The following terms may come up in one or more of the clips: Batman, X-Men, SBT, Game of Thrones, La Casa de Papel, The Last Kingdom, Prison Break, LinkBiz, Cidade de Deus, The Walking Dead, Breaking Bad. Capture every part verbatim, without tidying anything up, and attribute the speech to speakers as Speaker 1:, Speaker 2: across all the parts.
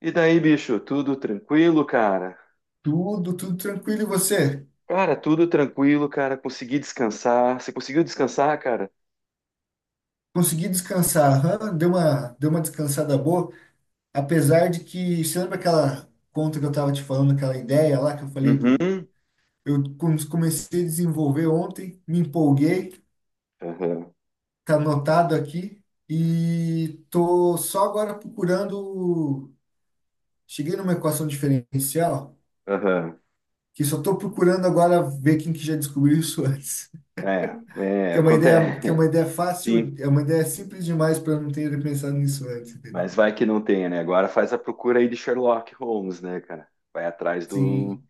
Speaker 1: E daí, bicho, tudo tranquilo, cara?
Speaker 2: Tudo, tudo tranquilo. E você?
Speaker 1: Cara, tudo tranquilo, cara. Consegui descansar. Você conseguiu descansar, cara?
Speaker 2: Consegui descansar? Aham, deu uma, deu uma descansada boa. Apesar de que, você lembra aquela conta que eu estava te falando, aquela ideia lá que eu falei do.
Speaker 1: Uhum.
Speaker 2: Eu com- comecei a desenvolver ontem, me empolguei,
Speaker 1: Aham,
Speaker 2: tá anotado aqui, e tô só agora procurando. Cheguei numa equação diferencial,
Speaker 1: aham.
Speaker 2: que só tô procurando agora ver quem que já descobriu isso antes.
Speaker 1: É, é,
Speaker 2: Que é uma ideia, que é
Speaker 1: acontece.
Speaker 2: uma ideia
Speaker 1: Sim,
Speaker 2: fácil, é uma ideia simples demais para eu não ter pensado nisso antes, entendeu?
Speaker 1: mas vai que não tenha, né? Agora faz a procura aí de Sherlock Holmes, né, cara? Vai atrás do.
Speaker 2: Sim,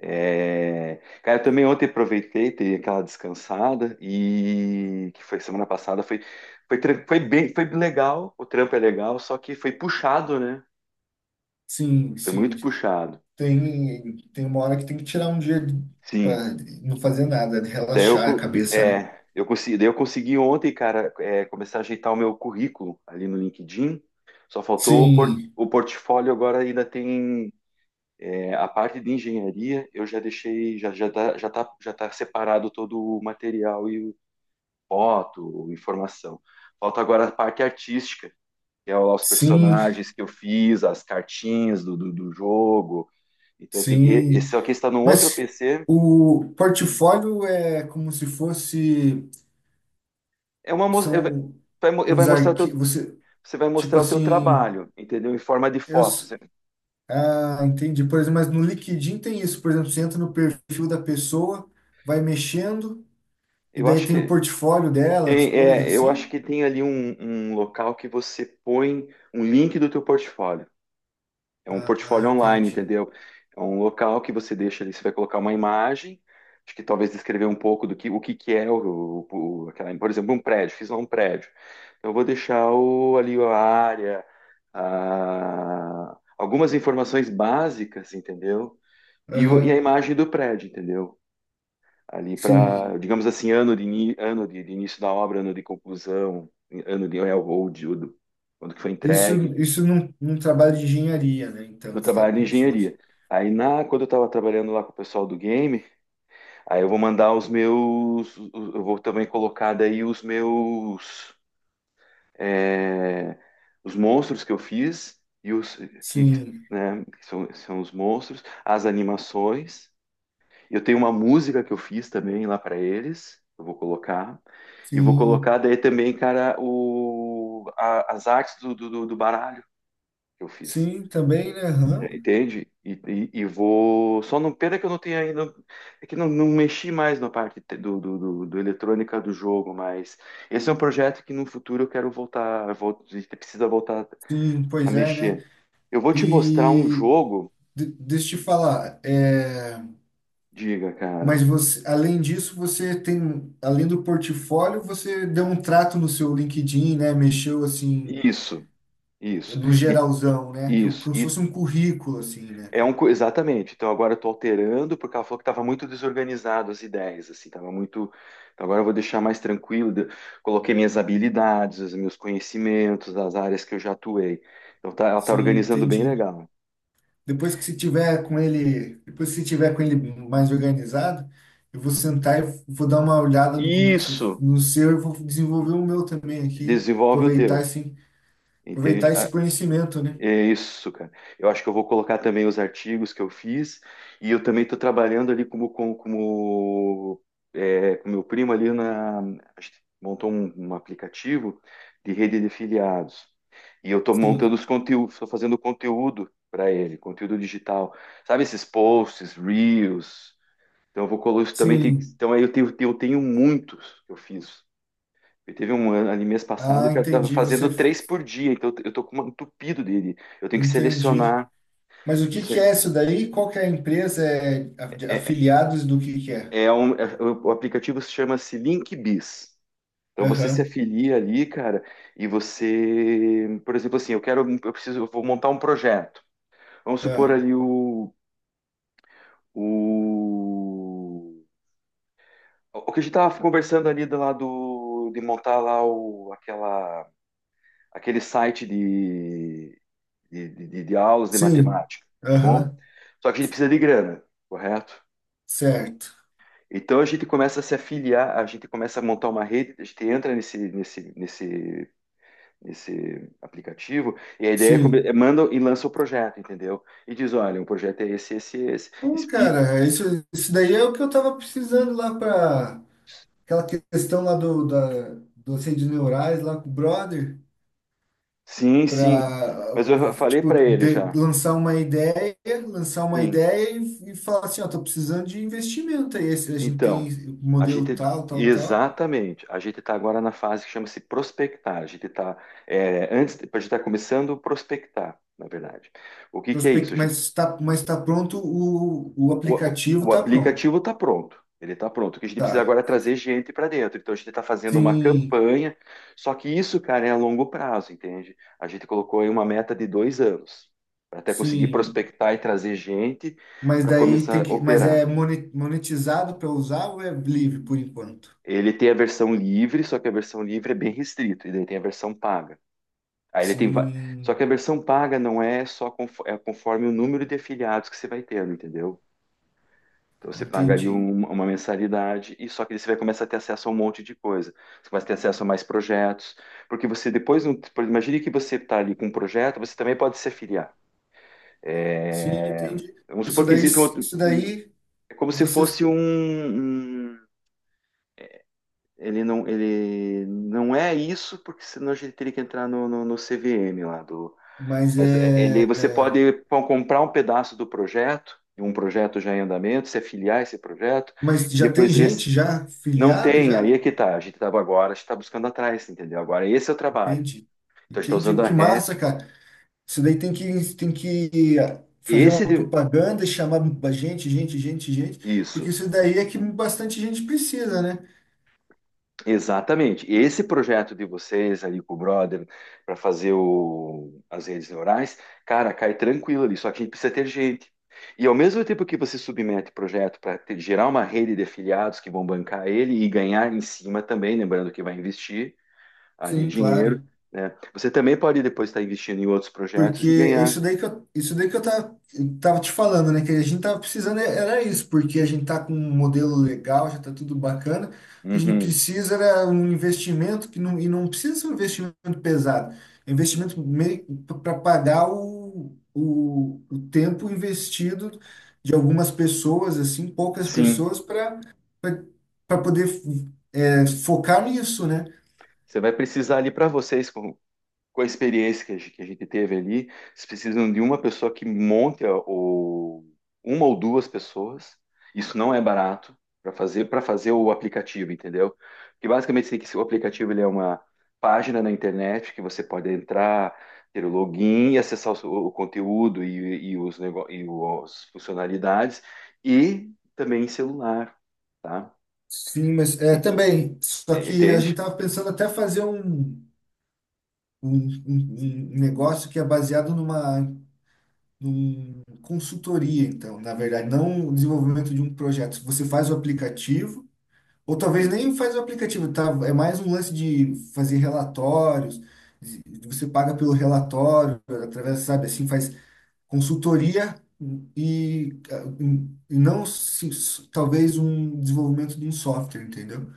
Speaker 1: É... Cara, eu também ontem aproveitei, dei aquela descansada e que foi semana passada, foi, foi, tran- foi bem, foi legal, o trampo é legal, só que foi puxado, né?
Speaker 2: sim,
Speaker 1: Foi
Speaker 2: sim.
Speaker 1: muito puxado.
Speaker 2: Tem, tem uma hora que tem que tirar um dia
Speaker 1: Sim.
Speaker 2: para não fazer nada, né?
Speaker 1: Daí eu,
Speaker 2: Relaxar a
Speaker 1: co-
Speaker 2: cabeça, né?
Speaker 1: é, eu consegui, daí eu consegui ontem, cara, é, começar a ajeitar o meu currículo ali no LinkedIn. Só faltou o, por-
Speaker 2: Sim,
Speaker 1: o portfólio agora ainda tem é, a parte de engenharia, eu já deixei, já, já tá, já tá, já tá separado todo o material e o foto, informação. Falta agora a parte artística, que é lá os
Speaker 2: sim,
Speaker 1: personagens que eu fiz, as cartinhas do, do, do jogo. Então tem que,
Speaker 2: sim.
Speaker 1: esse aqui está no outro
Speaker 2: Mas
Speaker 1: P C.
Speaker 2: o portfólio é como se fosse,
Speaker 1: É uma, mo- é-
Speaker 2: são
Speaker 1: vai, vai
Speaker 2: uns
Speaker 1: mostrar
Speaker 2: arquivos, você,
Speaker 1: Você vai
Speaker 2: tipo
Speaker 1: mostrar o teu
Speaker 2: assim,
Speaker 1: trabalho, entendeu? Em forma de
Speaker 2: eu,
Speaker 1: foto.
Speaker 2: s-
Speaker 1: Você-
Speaker 2: ah, entendi. Por exemplo, mas no LinkedIn tem isso, por exemplo, você entra no perfil da pessoa, vai mexendo, e
Speaker 1: Eu
Speaker 2: daí
Speaker 1: acho
Speaker 2: tem o
Speaker 1: que
Speaker 2: portfólio dela, as
Speaker 1: tem,
Speaker 2: coisas
Speaker 1: é, eu acho
Speaker 2: assim.
Speaker 1: que tem ali um, um local que você põe um link do teu portfólio. É um
Speaker 2: Ah,
Speaker 1: portfólio online,
Speaker 2: entendi.
Speaker 1: entendeu? É um local que você deixa ali, você vai colocar uma imagem, acho que talvez descrever um pouco do que o que que é o, o- o- aquela, por exemplo, um prédio, fiz lá um prédio. Então eu vou deixar o, ali a área, a- algumas informações básicas, entendeu? E, o- e a
Speaker 2: Aham,
Speaker 1: imagem do prédio, entendeu? Ali para,
Speaker 2: sim.
Speaker 1: digamos assim, ano de, ini- ano de, de início da obra, ano de conclusão, ano de railroad, ou do- quando que foi
Speaker 2: Isso,
Speaker 1: entregue,
Speaker 2: isso num, num trabalho de engenharia, né? Então,
Speaker 1: meu
Speaker 2: você está
Speaker 1: trabalho de
Speaker 2: com suas.
Speaker 1: engenharia. Aí na, quando eu estava trabalhando lá com o pessoal do game, aí eu vou mandar os meus, eu vou também colocar daí os meus, é, os monstros que eu fiz e os que,
Speaker 2: Sim,
Speaker 1: né, que são, são os monstros, as animações. Eu tenho uma música que eu fiz também lá para eles, eu vou colocar. E vou colocar
Speaker 2: sim,
Speaker 1: daí também, cara, o, a- as artes do, do, do baralho que eu fiz.
Speaker 2: sim, também, né? Aham.
Speaker 1: É, entende? E, e, e vou. Só não. Pena que eu não tenho ainda. É que não, não mexi mais na parte te- do, do, do, do eletrônica do jogo, mas esse é um projeto que no futuro eu quero voltar. eu Vou, a gente precisa voltar
Speaker 2: Sim,
Speaker 1: a
Speaker 2: pois é, né?
Speaker 1: mexer. Eu vou te mostrar um
Speaker 2: E
Speaker 1: jogo,
Speaker 2: de- deixa eu te falar, é,
Speaker 1: diga, cara.
Speaker 2: mas você, além disso, você tem, além do portfólio, você deu um trato no seu LinkedIn, né? Mexeu assim,
Speaker 1: Isso, isso.
Speaker 2: no
Speaker 1: E,
Speaker 2: geralzão, né? Que é
Speaker 1: isso.
Speaker 2: como se
Speaker 1: E
Speaker 2: fosse um currículo, assim, né?
Speaker 1: É um, co- exatamente. Então agora eu estou alterando porque ela falou que estava muito desorganizado as ideias, assim, estava muito. Então agora eu vou deixar mais tranquilo. de- Coloquei minhas habilidades, os meus conhecimentos, as áreas que eu já atuei. Então tá, ela está
Speaker 2: Sim,
Speaker 1: organizando bem
Speaker 2: entendi.
Speaker 1: legal.
Speaker 2: Depois que se tiver com ele, depois que se tiver com ele mais organizado, eu vou sentar e vou dar uma olhada no como é que se-
Speaker 1: Isso
Speaker 2: no seu e vou desenvolver o meu também aqui,
Speaker 1: desenvolve o
Speaker 2: aproveitar
Speaker 1: teu,
Speaker 2: esse,
Speaker 1: entende?
Speaker 2: aproveitar esse conhecimento, né?
Speaker 1: É isso, cara. Eu acho que eu vou colocar também os artigos que eu fiz e eu também estou trabalhando ali como com como, é, com meu primo ali na a gente montou um, um aplicativo de rede de filiados e eu estou montando
Speaker 2: Sim.
Speaker 1: os conteúdos, estou fazendo conteúdo para ele, conteúdo digital, sabe esses posts, reels. Então eu vou colocar isso também tem,
Speaker 2: Sim.
Speaker 1: então aí eu tenho, eu tenho muitos que eu fiz. Eu teve um ano ali mês passado
Speaker 2: Ah,
Speaker 1: que eu estava
Speaker 2: entendi, você
Speaker 1: fazendo três por dia, então eu tô com um entupido dele. Eu tenho que
Speaker 2: entendi.
Speaker 1: selecionar.
Speaker 2: Mas o que
Speaker 1: Isso
Speaker 2: que
Speaker 1: é,
Speaker 2: é isso daí? Qual que é a empresa? É a-
Speaker 1: é,
Speaker 2: afiliados do que que é?
Speaker 1: é um, é- o aplicativo se chama-se LinkBiz. Então você se
Speaker 2: Aham.
Speaker 1: afilia ali, cara, e você, por exemplo, assim, eu quero, eu preciso, eu vou montar um projeto. Vamos supor
Speaker 2: Ah,
Speaker 1: ali o, o, o que a gente tava conversando ali do lado de montar lá o, aquela, aquele site de de, de, de aulas de
Speaker 2: sim.
Speaker 1: matemática, tá bom?
Speaker 2: Aham.
Speaker 1: Só que a gente precisa de grana, correto?
Speaker 2: Certo.
Speaker 1: Então a gente começa a se afiliar, a gente começa a montar uma rede, a gente entra nesse, nesse, nesse, nesse aplicativo e a ideia é, é
Speaker 2: Sim.
Speaker 1: manda e lança o projeto, entendeu? E diz, olha, o projeto é esse, esse, esse,
Speaker 2: Pô,
Speaker 1: explica.
Speaker 2: cara, isso, isso daí é o que eu tava precisando lá para aquela questão lá do, da, do de neurais lá com o brother,
Speaker 1: Sim, sim.
Speaker 2: para
Speaker 1: Mas eu falei
Speaker 2: tipo,
Speaker 1: para ele
Speaker 2: de-
Speaker 1: já.
Speaker 2: lançar uma ideia, lançar uma
Speaker 1: Sim.
Speaker 2: ideia e, e falar assim, ó, tô precisando de investimento aí, esse- a gente
Speaker 1: Então,
Speaker 2: tem o
Speaker 1: a
Speaker 2: modelo
Speaker 1: gente
Speaker 2: tal, tal, tal,
Speaker 1: exatamente, a gente está agora na fase que chama-se prospectar. A gente está antes, a gente está começando a prospectar, na verdade. O que que é isso?
Speaker 2: prospect,
Speaker 1: A gente-
Speaker 2: mas tá, mas tá pronto, o, o
Speaker 1: o, o-
Speaker 2: aplicativo
Speaker 1: o
Speaker 2: tá pronto,
Speaker 1: aplicativo está pronto. Ele está pronto. O que a gente precisa
Speaker 2: tá,
Speaker 1: agora é trazer gente para dentro. Então a gente está fazendo uma
Speaker 2: sim,
Speaker 1: campanha. Só que isso, cara, é a longo prazo, entende? A gente colocou aí uma meta de dois anos para até conseguir
Speaker 2: sim.
Speaker 1: prospectar e trazer gente
Speaker 2: Mas
Speaker 1: para
Speaker 2: daí tem
Speaker 1: começar a
Speaker 2: que, mas é
Speaker 1: operar.
Speaker 2: moni- monetizado para usar ou é livre por enquanto?
Speaker 1: Ele tem a versão livre, só que a versão livre é bem restrito, e daí tem a versão paga. Aí ele tem, va- só
Speaker 2: Sim,
Speaker 1: que a versão paga não é só confo- é conforme o número de afiliados que você vai tendo, entendeu? Então você paga ali
Speaker 2: entendi.
Speaker 1: um- uma mensalidade e só que daí você vai começar a ter acesso a um monte de coisa. Você vai ter acesso a mais projetos, porque você depois, não- por- imagine que você está ali com um projeto, você também pode se afiliar.
Speaker 2: Sim,
Speaker 1: É,
Speaker 2: entendi.
Speaker 1: vamos
Speaker 2: Isso
Speaker 1: supor que
Speaker 2: daí,
Speaker 1: existe um outro,
Speaker 2: isso
Speaker 1: um-
Speaker 2: daí
Speaker 1: é como se
Speaker 2: vocês,
Speaker 1: fosse um, um Ele não, ele não é isso, porque senão a gente teria que entrar no, no, no C V M lá do.
Speaker 2: mas
Speaker 1: Mas é, ele,
Speaker 2: é,
Speaker 1: você pode com- comprar um pedaço do projeto, um projeto já em andamento, se afiliar a esse projeto,
Speaker 2: mas
Speaker 1: e
Speaker 2: já tem
Speaker 1: depois
Speaker 2: gente
Speaker 1: rece-
Speaker 2: já
Speaker 1: não
Speaker 2: filiada
Speaker 1: tem, aí
Speaker 2: já?
Speaker 1: é que tá. A gente estava agora, a gente está buscando atrás, entendeu? Agora esse é o trabalho.
Speaker 2: Entendi.
Speaker 1: Então a gente está
Speaker 2: Entendi.
Speaker 1: usando a
Speaker 2: Que massa,
Speaker 1: R E T.
Speaker 2: cara. Isso daí tem que tem que fazer uma
Speaker 1: Esse de-
Speaker 2: propaganda e chamar gente, gente, gente, gente, porque
Speaker 1: isso.
Speaker 2: isso daí é que bastante gente precisa, né?
Speaker 1: Exatamente. Esse projeto de vocês ali com o brother para fazer o- as redes neurais, cara, cai tranquilo ali, só que a gente precisa ter gente. E ao mesmo tempo que você submete o projeto para gerar uma rede de afiliados que vão bancar ele e ganhar em cima também, lembrando que vai investir ali
Speaker 2: Sim,
Speaker 1: dinheiro,
Speaker 2: claro.
Speaker 1: né? Você também pode depois estar investindo em outros
Speaker 2: Porque
Speaker 1: projetos e
Speaker 2: é
Speaker 1: ganhar.
Speaker 2: isso daí que eu, isso daí que eu tava, eu tava te falando, né? Que a gente tava precisando, é- era isso, porque a gente tá com um modelo legal, já tá tudo bacana. O que a gente
Speaker 1: Uhum.
Speaker 2: precisa era um investimento que não, e não precisa ser um investimento pesado. É um investimento meio para pagar o, o, o tempo investido de algumas pessoas, assim, poucas
Speaker 1: Sim,
Speaker 2: pessoas, para para poder é, focar nisso, né?
Speaker 1: você vai precisar ali para vocês, com a experiência que a gente, que a gente teve ali, vocês precisam de uma pessoa que monte a- o, uma ou duas pessoas. Isso não é barato para fazer para fazer o aplicativo, entendeu? Porque basicamente você tem que o aplicativo ele é uma página na internet que você pode entrar, ter o login e acessar o, seu- o conteúdo e, e os nego, e o- as funcionalidades e também em celular, tá?
Speaker 2: Sim, mas é,
Speaker 1: E-
Speaker 2: também, só que a
Speaker 1: Entende?
Speaker 2: gente estava pensando até fazer um, um, um- um negócio que é baseado numa, numa consultoria, então, na verdade, não o desenvolvimento de um projeto. Você faz o aplicativo, ou talvez
Speaker 1: Uhum.
Speaker 2: nem faz o aplicativo, tá? É mais um lance de fazer relatórios, de- você paga pelo relatório, através, sabe, assim, faz consultoria e, ah, e não se- talvez um desenvolvimento de um software, entendeu?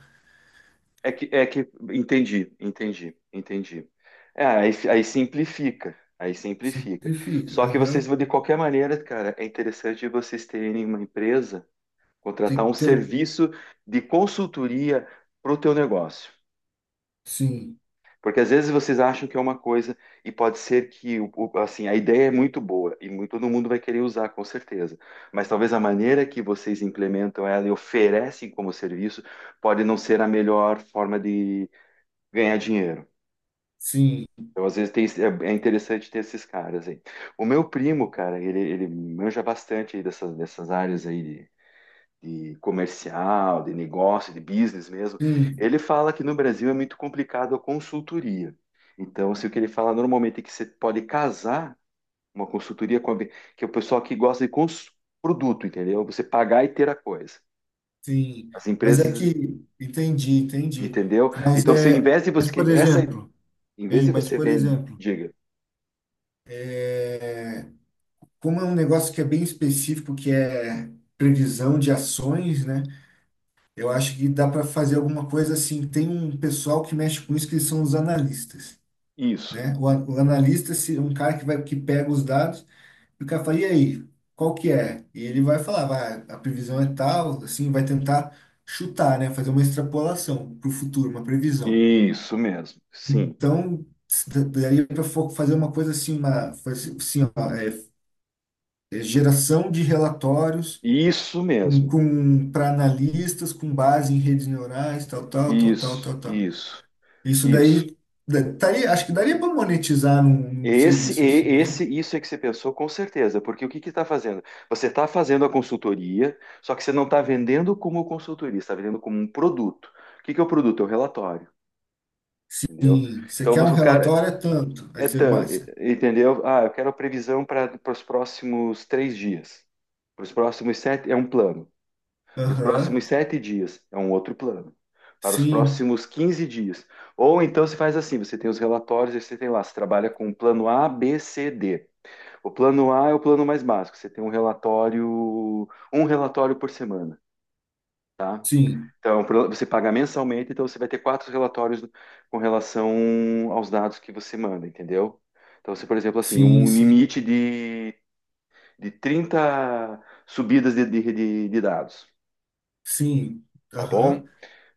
Speaker 1: É que, é que entendi, entendi, entendi. É, aí, aí simplifica, aí simplifica.
Speaker 2: Simplifica.
Speaker 1: Só que vocês,
Speaker 2: Aham.
Speaker 1: de qualquer maneira, cara, é interessante vocês terem uma empresa, contratar
Speaker 2: Tem que
Speaker 1: um
Speaker 2: ter, o-
Speaker 1: serviço de consultoria para o teu negócio.
Speaker 2: sim,
Speaker 1: Porque às vezes vocês acham que é uma coisa e pode ser que, o- o- assim, a ideia é muito boa e mu- todo mundo vai querer usar, com certeza. Mas talvez a maneira que vocês implementam ela e oferecem como serviço pode não ser a melhor forma de ganhar dinheiro.
Speaker 2: sim,
Speaker 1: Então, às vezes tem, esse- é é interessante ter esses caras aí. O meu primo, cara, ele, ele manja bastante aí dessas, dessas áreas aí de, de comercial, de negócio, de business mesmo.
Speaker 2: sim.
Speaker 1: Ele fala que no Brasil é muito complicado a consultoria. Então, assim, o que ele fala normalmente é que você pode casar uma consultoria com a, ve- que é o pessoal que gosta de cons, produto, entendeu? Você pagar e ter a coisa.
Speaker 2: Sim,
Speaker 1: As
Speaker 2: mas é
Speaker 1: empresas,
Speaker 2: que entendi, entendi.
Speaker 1: entendeu?
Speaker 2: Mas
Speaker 1: Então, você, em
Speaker 2: é,
Speaker 1: vez de
Speaker 2: mas
Speaker 1: você,
Speaker 2: por
Speaker 1: essa,
Speaker 2: exemplo,
Speaker 1: em vez
Speaker 2: hein,
Speaker 1: de
Speaker 2: mas
Speaker 1: você
Speaker 2: por
Speaker 1: vender,
Speaker 2: exemplo,
Speaker 1: diga,
Speaker 2: como é um negócio que é bem específico, que é previsão de ações, né? Eu acho que dá para fazer alguma coisa assim. Tem um pessoal que mexe com isso que são os analistas,
Speaker 1: isso.
Speaker 2: né? O, an- o analista se- é um cara que vai que pega os dados e o cara fala, e aí, qual que é? E ele vai falar, vai, a previsão é tal, assim, vai tentar chutar, né? Fazer uma extrapolação para o futuro, uma previsão.
Speaker 1: Isso mesmo, sim.
Speaker 2: Então, daria para fazer uma coisa assim, uma fazer- assim, ó, é, é geração de relatórios
Speaker 1: Isso
Speaker 2: com,
Speaker 1: mesmo.
Speaker 2: com para analistas com base em redes neurais, tal, tal, tal, tal,
Speaker 1: Isso,
Speaker 2: tal, tal.
Speaker 1: isso,
Speaker 2: Isso
Speaker 1: isso.
Speaker 2: daí da- taria- acho que daria para monetizar num, num
Speaker 1: Esse,
Speaker 2: serviço assim,
Speaker 1: e-
Speaker 2: né?
Speaker 1: esse, isso é que você pensou com certeza, porque o que que está fazendo? Você está fazendo a consultoria, só que você não está vendendo como consultoria, está vendendo como um produto. O que que é o produto? É o relatório, entendeu?
Speaker 2: Sim, você
Speaker 1: Então
Speaker 2: quer um
Speaker 1: você, o cara,
Speaker 2: relatório é tanto, aí
Speaker 1: é
Speaker 2: você
Speaker 1: tan-
Speaker 2: mais.
Speaker 1: entendeu? Ah, eu quero a previsão para os próximos três dias, para os próximos sete, é um plano. Para os
Speaker 2: Aham.
Speaker 1: próximos sete dias é um outro plano. Para os
Speaker 2: Sim,
Speaker 1: próximos quinze dias. Ou então você faz assim: você tem os relatórios, aí você tem lá, você trabalha com o plano á bê cê dê. O plano A é o plano mais básico, você tem um relatório, um relatório por semana, tá?
Speaker 2: sim,
Speaker 1: Então, você paga mensalmente, então você vai ter quatro relatórios com relação aos dados que você manda, entendeu? Então, você, por exemplo, assim,
Speaker 2: sim,
Speaker 1: um
Speaker 2: sim,
Speaker 1: limite de, de trinta subidas de, de, de de dados,
Speaker 2: sim.
Speaker 1: tá
Speaker 2: Aham.
Speaker 1: bom?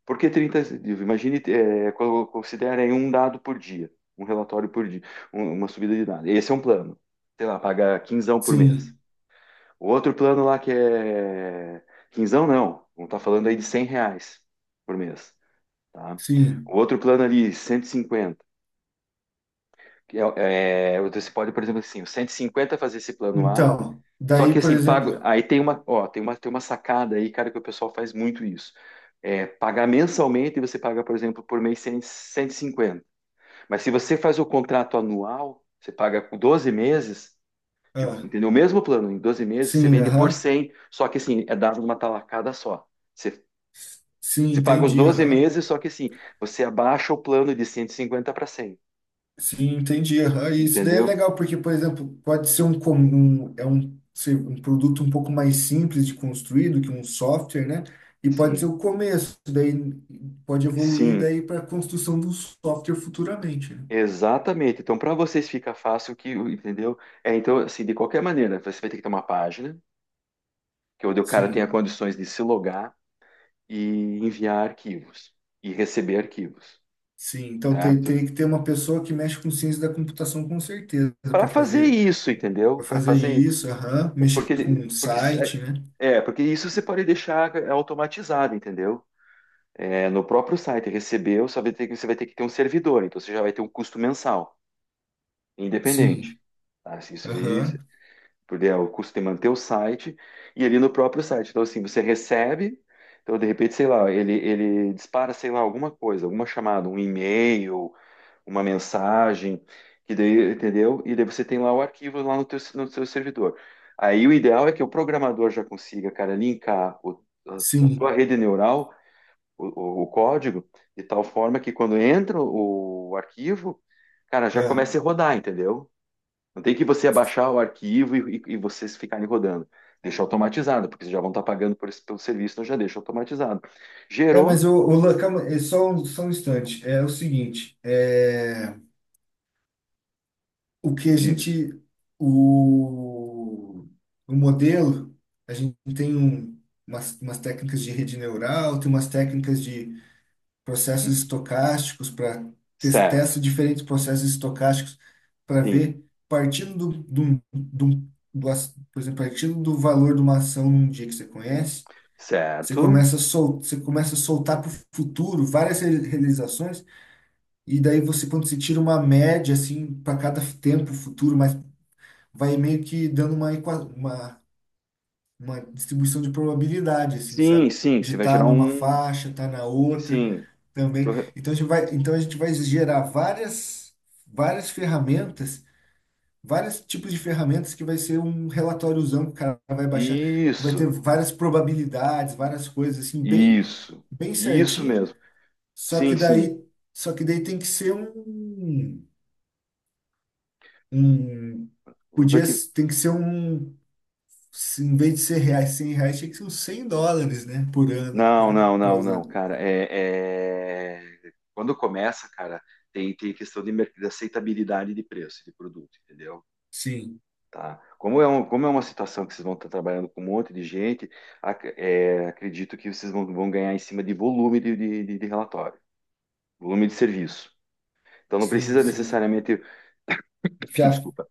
Speaker 1: Por que trinta dias? Imagine, é, considerem um dado por dia, um relatório por dia, um- uma subida de dado. Esse é um plano. Sei lá, paga quinzão por mês.
Speaker 2: Sim,
Speaker 1: O outro plano lá que é... Quinzão não, não tá falando aí de cem reais por mês, tá?
Speaker 2: sim.
Speaker 1: O outro plano ali, cento e cinquenta. Que é, é, você pode, por exemplo, assim, o cento e cinquenta fazer esse plano A,
Speaker 2: Então,
Speaker 1: só que
Speaker 2: daí, por
Speaker 1: assim, pago,
Speaker 2: exemplo,
Speaker 1: aí tem uma, ó, tem uma, tem uma sacada aí, cara, que o pessoal faz muito isso. É, pagar mensalmente, e você paga, por exemplo, por mês cem, cento e cinquenta. Mas se você faz o contrato anual, você paga com doze meses, tipo,
Speaker 2: ah,
Speaker 1: entendeu? O mesmo plano, em doze meses você
Speaker 2: sim,
Speaker 1: vende por
Speaker 2: aham.
Speaker 1: cem, só que assim, é dado numa talacada só. Você,
Speaker 2: Sim,
Speaker 1: você paga os
Speaker 2: entendi,
Speaker 1: doze
Speaker 2: aham.
Speaker 1: meses, só que assim, você abaixa o plano de cento e cinquenta para cem,
Speaker 2: Sim, entendi, aham. E isso daí é
Speaker 1: entendeu?
Speaker 2: legal, porque, por exemplo, pode ser um, com- um, é um, ser um produto um pouco mais simples de construir do que um software, né? E pode
Speaker 1: Sim,
Speaker 2: ser o começo, daí pode evoluir
Speaker 1: sim.
Speaker 2: daí para a construção do software futuramente, né?
Speaker 1: Exatamente. Então, para vocês fica fácil, que, entendeu? É, então, assim, de qualquer maneira, você vai ter que ter uma página que é onde o cara tenha
Speaker 2: Sim,
Speaker 1: condições de se logar e enviar arquivos e receber arquivos,
Speaker 2: sim. Então tem,
Speaker 1: certo?
Speaker 2: teria que ter uma pessoa que mexe com ciência da computação com certeza
Speaker 1: Para
Speaker 2: para
Speaker 1: fazer
Speaker 2: fazer,
Speaker 1: isso, entendeu?
Speaker 2: para
Speaker 1: Para
Speaker 2: fazer
Speaker 1: fazer
Speaker 2: isso, aham. Mexer com
Speaker 1: porque
Speaker 2: um
Speaker 1: porque se-
Speaker 2: site, né?
Speaker 1: é, é, porque isso você pode deixar eh, automatizado, entendeu? É, no próprio site recebeu, você vai ter que você vai ter que ter um servidor, então você já vai ter um custo mensal, independente.
Speaker 2: Sim,
Speaker 1: Tá? Isso, isso
Speaker 2: aham.
Speaker 1: porque é o custo de manter o site e ali no próprio site. Então, assim, você recebe, então de repente, sei lá, ele, ele dispara, sei lá, alguma coisa, alguma chamada, um e-mail, uma mensagem, que daí, entendeu? E daí você tem lá o arquivo lá no teu, no seu servidor. Aí o ideal é que o programador já consiga, cara, linkar o- a, a sua
Speaker 2: Sim.
Speaker 1: rede neural, o, o- o código, de tal forma que quando entra o, o arquivo, cara, já
Speaker 2: É.
Speaker 1: comece a rodar, entendeu? Não tem que você abaixar o arquivo e, e, e vocês ficarem rodando. Deixa automatizado, porque vocês já vão estar pagando por esse- pelo serviço, então já deixa automatizado.
Speaker 2: É,
Speaker 1: Gerou?
Speaker 2: mas o, o Lan- calma, é só, um- só um instante. É o seguinte, é, o que a
Speaker 1: Diga.
Speaker 2: gente, o, o modelo, a gente tem um, umas, umas técnicas de rede neural, tem umas técnicas de processos
Speaker 1: Hum.
Speaker 2: estocásticos para
Speaker 1: Certo.
Speaker 2: testa diferentes processos estocásticos para
Speaker 1: Sim.
Speaker 2: ver partindo do, do, do, do, as- por exemplo, partindo do valor de uma ação num dia que você conhece, você
Speaker 1: Certo.
Speaker 2: começa a sol, você começa a soltar para o futuro várias re- realizações. E daí você, quando você tira uma média, assim, para cada tempo futuro, mas vai meio que dando uma, equa- uma, uma distribuição de probabilidade, assim,
Speaker 1: Sim,
Speaker 2: sabe?
Speaker 1: sim.
Speaker 2: De
Speaker 1: Você vai
Speaker 2: estar
Speaker 1: gerar
Speaker 2: numa
Speaker 1: um.
Speaker 2: faixa, estar na outra
Speaker 1: Sim. Eu
Speaker 2: também.
Speaker 1: tô re-
Speaker 2: Então a gente vai, então a gente vai gerar várias, várias ferramentas, vários tipos de ferramentas que vai ser um relatóriozão que o cara vai baixar, que vai ter
Speaker 1: Isso.
Speaker 2: várias probabilidades, várias coisas, assim, bem,
Speaker 1: Isso.
Speaker 2: bem
Speaker 1: Isso
Speaker 2: certinho.
Speaker 1: mesmo.
Speaker 2: Só que
Speaker 1: Sim, sim.
Speaker 2: daí, só que daí tem que ser um. Um
Speaker 1: Vai
Speaker 2: podia
Speaker 1: que…
Speaker 2: tem que ser um, se em vez de ser reais, cem reais, tinha que ser uns cem dólares, né, por ano
Speaker 1: Não, não,
Speaker 2: para
Speaker 1: não,
Speaker 2: usar.
Speaker 1: não, cara. É, é- Quando começa, cara, tem, tem questão de, merc- de aceitabilidade de preço de produto, entendeu?
Speaker 2: Sim,
Speaker 1: Tá? Como é, um, como é uma situação que vocês vão estar trabalhando com um monte de gente, ac- é, acredito que vocês vão, vão ganhar em cima de volume de, de- de- de relatório, volume de serviço. Então não
Speaker 2: sim,
Speaker 1: precisa
Speaker 2: sim.
Speaker 1: necessariamente,
Speaker 2: Enfiar,
Speaker 1: desculpa,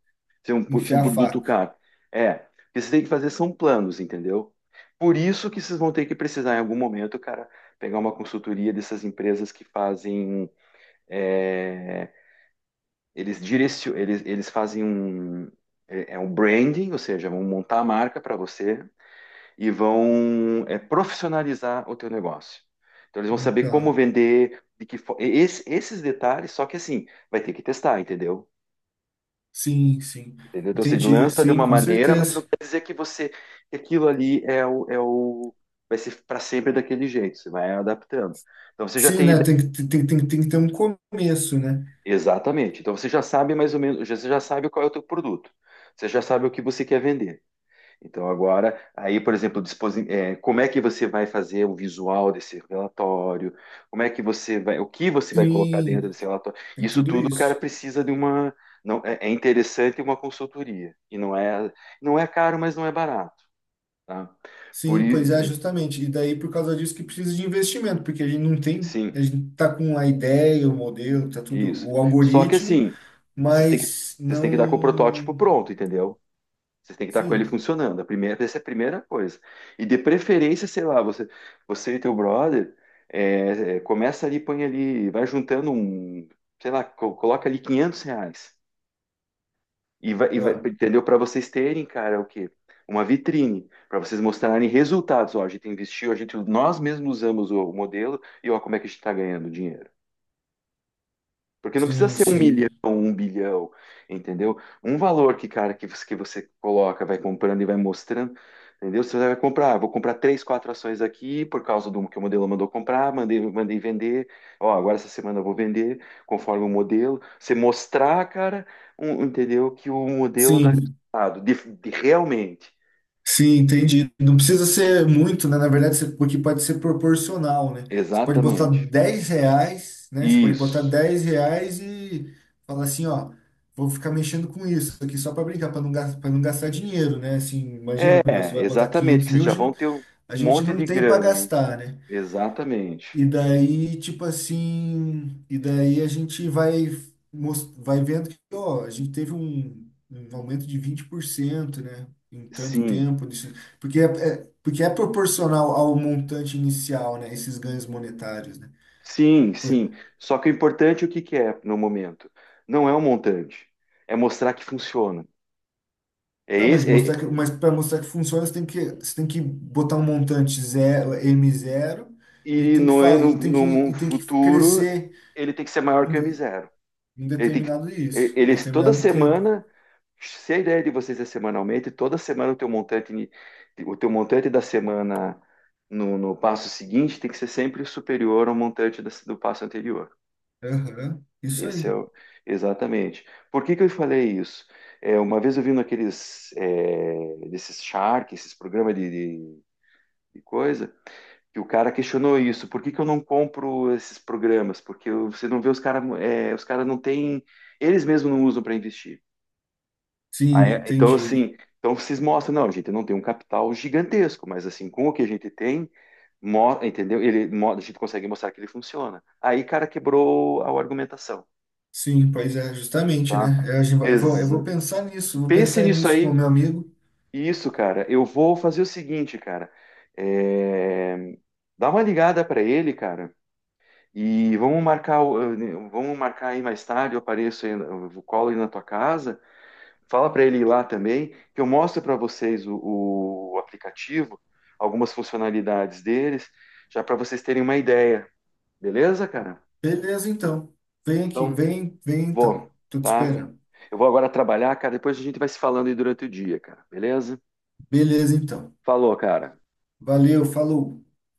Speaker 1: ser um, pro- ser um
Speaker 2: enfiar a
Speaker 1: produto
Speaker 2: faca,
Speaker 1: caro. É, o que vocês têm que fazer são planos, entendeu? Por isso que vocês vão ter que precisar em algum momento, cara, pegar uma consultoria dessas empresas que fazem, é, eles direcio, eles, eles fazem um, é é um branding, ou seja, vão montar a marca para você e vão, é, profissionalizar o teu negócio. Então eles vão saber como
Speaker 2: então.
Speaker 1: vender, de que fo- esse- esses detalhes, só que assim, vai ter que testar, entendeu?
Speaker 2: Sim, sim,
Speaker 1: Entendeu? Então você
Speaker 2: entendi.
Speaker 1: lança de
Speaker 2: Sim,
Speaker 1: uma
Speaker 2: com
Speaker 1: maneira, mas não
Speaker 2: certeza.
Speaker 1: quer dizer que você que aquilo ali é o, é o vai ser para sempre daquele jeito, você vai adaptando. Então você já
Speaker 2: Sim,
Speaker 1: tem
Speaker 2: né,
Speaker 1: ideia.
Speaker 2: tem que tem, tem, tem que ter um começo, né.
Speaker 1: Exatamente. Então você já sabe mais ou menos, já- você já sabe qual é o teu produto. Você já sabe o que você quer vender. Então, agora, aí, por exemplo, disposi- eh, como é que você vai fazer o visual desse relatório? Como é que você vai, o que você vai colocar dentro
Speaker 2: Sim,
Speaker 1: desse relatório?
Speaker 2: tem
Speaker 1: Isso
Speaker 2: tudo
Speaker 1: tudo, cara,
Speaker 2: isso.
Speaker 1: precisa de uma, não, é, é interessante uma consultoria e não é, não é caro, mas não é barato, tá? Por
Speaker 2: Sim, pois é,
Speaker 1: i-
Speaker 2: justamente. E daí, por causa disso, que precisa de investimento, porque a gente não tem,
Speaker 1: sim,
Speaker 2: a gente tá com a ideia, o modelo, tá tudo,
Speaker 1: isso.
Speaker 2: o
Speaker 1: Só que
Speaker 2: algoritmo,
Speaker 1: assim, vocês têm que,
Speaker 2: mas
Speaker 1: vocês têm que dar com o
Speaker 2: não.
Speaker 1: protótipo pronto, entendeu? Vocês têm que estar com ele
Speaker 2: Sim,
Speaker 1: funcionando. A primeira, essa é a primeira coisa. E de preferência, sei lá, você, você e teu brother, é, é, começa ali, põe ali, vai juntando um, sei lá, co- coloca ali quinhentos reais. E vai, e vai-
Speaker 2: ah,
Speaker 1: entendeu? Para vocês terem, cara, o quê? Uma vitrine, para vocês mostrarem resultados. Ó, a gente investiu, a gente, nós mesmos usamos o, o modelo e ó, como é que a gente está ganhando dinheiro. Porque não precisa
Speaker 2: sim,
Speaker 1: ser um milhão,
Speaker 2: sim.
Speaker 1: um bilhão, entendeu? Um valor que, cara, que você, que você coloca, vai comprando e vai mostrando, entendeu? Você vai comprar, ah, vou comprar três, quatro ações aqui por causa do que o modelo mandou comprar, mandei, mandei vender, ó, agora essa semana eu vou vender conforme o modelo. Você mostrar, cara, um- entendeu? Que o modelo dá
Speaker 2: Sim,
Speaker 1: resultado, de, de realmente.
Speaker 2: sim, entendi. Não precisa ser muito, né? Na verdade, você- porque pode ser proporcional, né? Você pode botar
Speaker 1: Exatamente.
Speaker 2: dez reais, né? Você pode botar
Speaker 1: Isso.
Speaker 2: dez reais e falar assim, ó, vou ficar mexendo com isso aqui só para brincar, para não, gas- pra não gastar dinheiro, né? Assim, imagina, você
Speaker 1: É,
Speaker 2: vai botar
Speaker 1: exatamente,
Speaker 2: quinhentos
Speaker 1: que vocês
Speaker 2: mil,
Speaker 1: já
Speaker 2: hoje não-
Speaker 1: vão ter um
Speaker 2: a gente
Speaker 1: monte
Speaker 2: não
Speaker 1: de
Speaker 2: tem para
Speaker 1: grana, né?
Speaker 2: gastar, né?
Speaker 1: Exatamente.
Speaker 2: E daí, tipo assim, e daí a gente vai, mos- vai vendo que, ó, a gente teve um, um aumento de vinte por cento, né? Em tanto
Speaker 1: Sim.
Speaker 2: tempo, nisso, porque é, é- porque é proporcional ao montante inicial, né? Esses ganhos monetários, né?
Speaker 1: Sim,
Speaker 2: Por-
Speaker 1: sim. Só que o importante, é o que que é no momento? Não é o montante, é mostrar que funciona. É
Speaker 2: tá, mas
Speaker 1: esse,
Speaker 2: mostrar que,
Speaker 1: é-
Speaker 2: mas para mostrar que funciona, você tem que, você tem que botar um montante zero, m zero, e
Speaker 1: e
Speaker 2: tem que,
Speaker 1: no,
Speaker 2: fa- e tem que,
Speaker 1: no, no
Speaker 2: e tem que
Speaker 1: futuro
Speaker 2: crescer
Speaker 1: ele tem que ser maior que o
Speaker 2: em,
Speaker 1: M zero.
Speaker 2: em
Speaker 1: Ele tem que,
Speaker 2: determinado
Speaker 1: ele,
Speaker 2: isso, em
Speaker 1: ele- toda
Speaker 2: determinado tempo.
Speaker 1: semana, se a ideia de vocês é semanalmente, toda semana o teu montante, ni- o teu montante da semana no, no passo seguinte tem que ser sempre superior ao montante da- do passo anterior.
Speaker 2: Aham, isso
Speaker 1: Esse é
Speaker 2: aí.
Speaker 1: o… Exatamente. Por que que eu falei isso? É, uma vez eu vi naqueles é, desses Shark, esses programas de, de- de coisa, que o cara questionou isso. Por que que eu não compro esses programas? Porque eu- você não vê os caras, os caras não têm, eles mesmos não usam para investir. Ah,
Speaker 2: Sim,
Speaker 1: é? Então
Speaker 2: entendi.
Speaker 1: assim, então vocês mostram, não, a gente não tem um capital gigantesco, mas assim, com o que a gente tem, mo- entendeu? Ele, mo- a gente consegue mostrar que ele funciona. Aí, cara, quebrou a argumentação.
Speaker 2: Sim, pois é, justamente,
Speaker 1: Tá?
Speaker 2: né? Eu, acho- eu vou, eu vou pensar nisso, vou
Speaker 1: Pense
Speaker 2: pensar
Speaker 1: nisso
Speaker 2: nisso com o
Speaker 1: aí.
Speaker 2: meu amigo.
Speaker 1: Isso, cara. Eu vou fazer o seguinte, cara. É, dá uma ligada para ele, cara. E vamos marcar, o- vamos marcar aí mais tarde. Eu apareço aí, eu colo aí na tua casa. Fala para ele ir lá também, que eu mostro para vocês o, o aplicativo, algumas funcionalidades deles, já para vocês terem uma ideia. Beleza, cara?
Speaker 2: Beleza, então. Vem aqui,
Speaker 1: Então,
Speaker 2: vem, vem então.
Speaker 1: vou,
Speaker 2: Tô te
Speaker 1: tá?
Speaker 2: esperando.
Speaker 1: Eu vou agora trabalhar, cara. Depois a gente vai se falando aí durante o dia, cara. Beleza?
Speaker 2: Beleza, então.
Speaker 1: Falou, cara.
Speaker 2: Valeu, falou.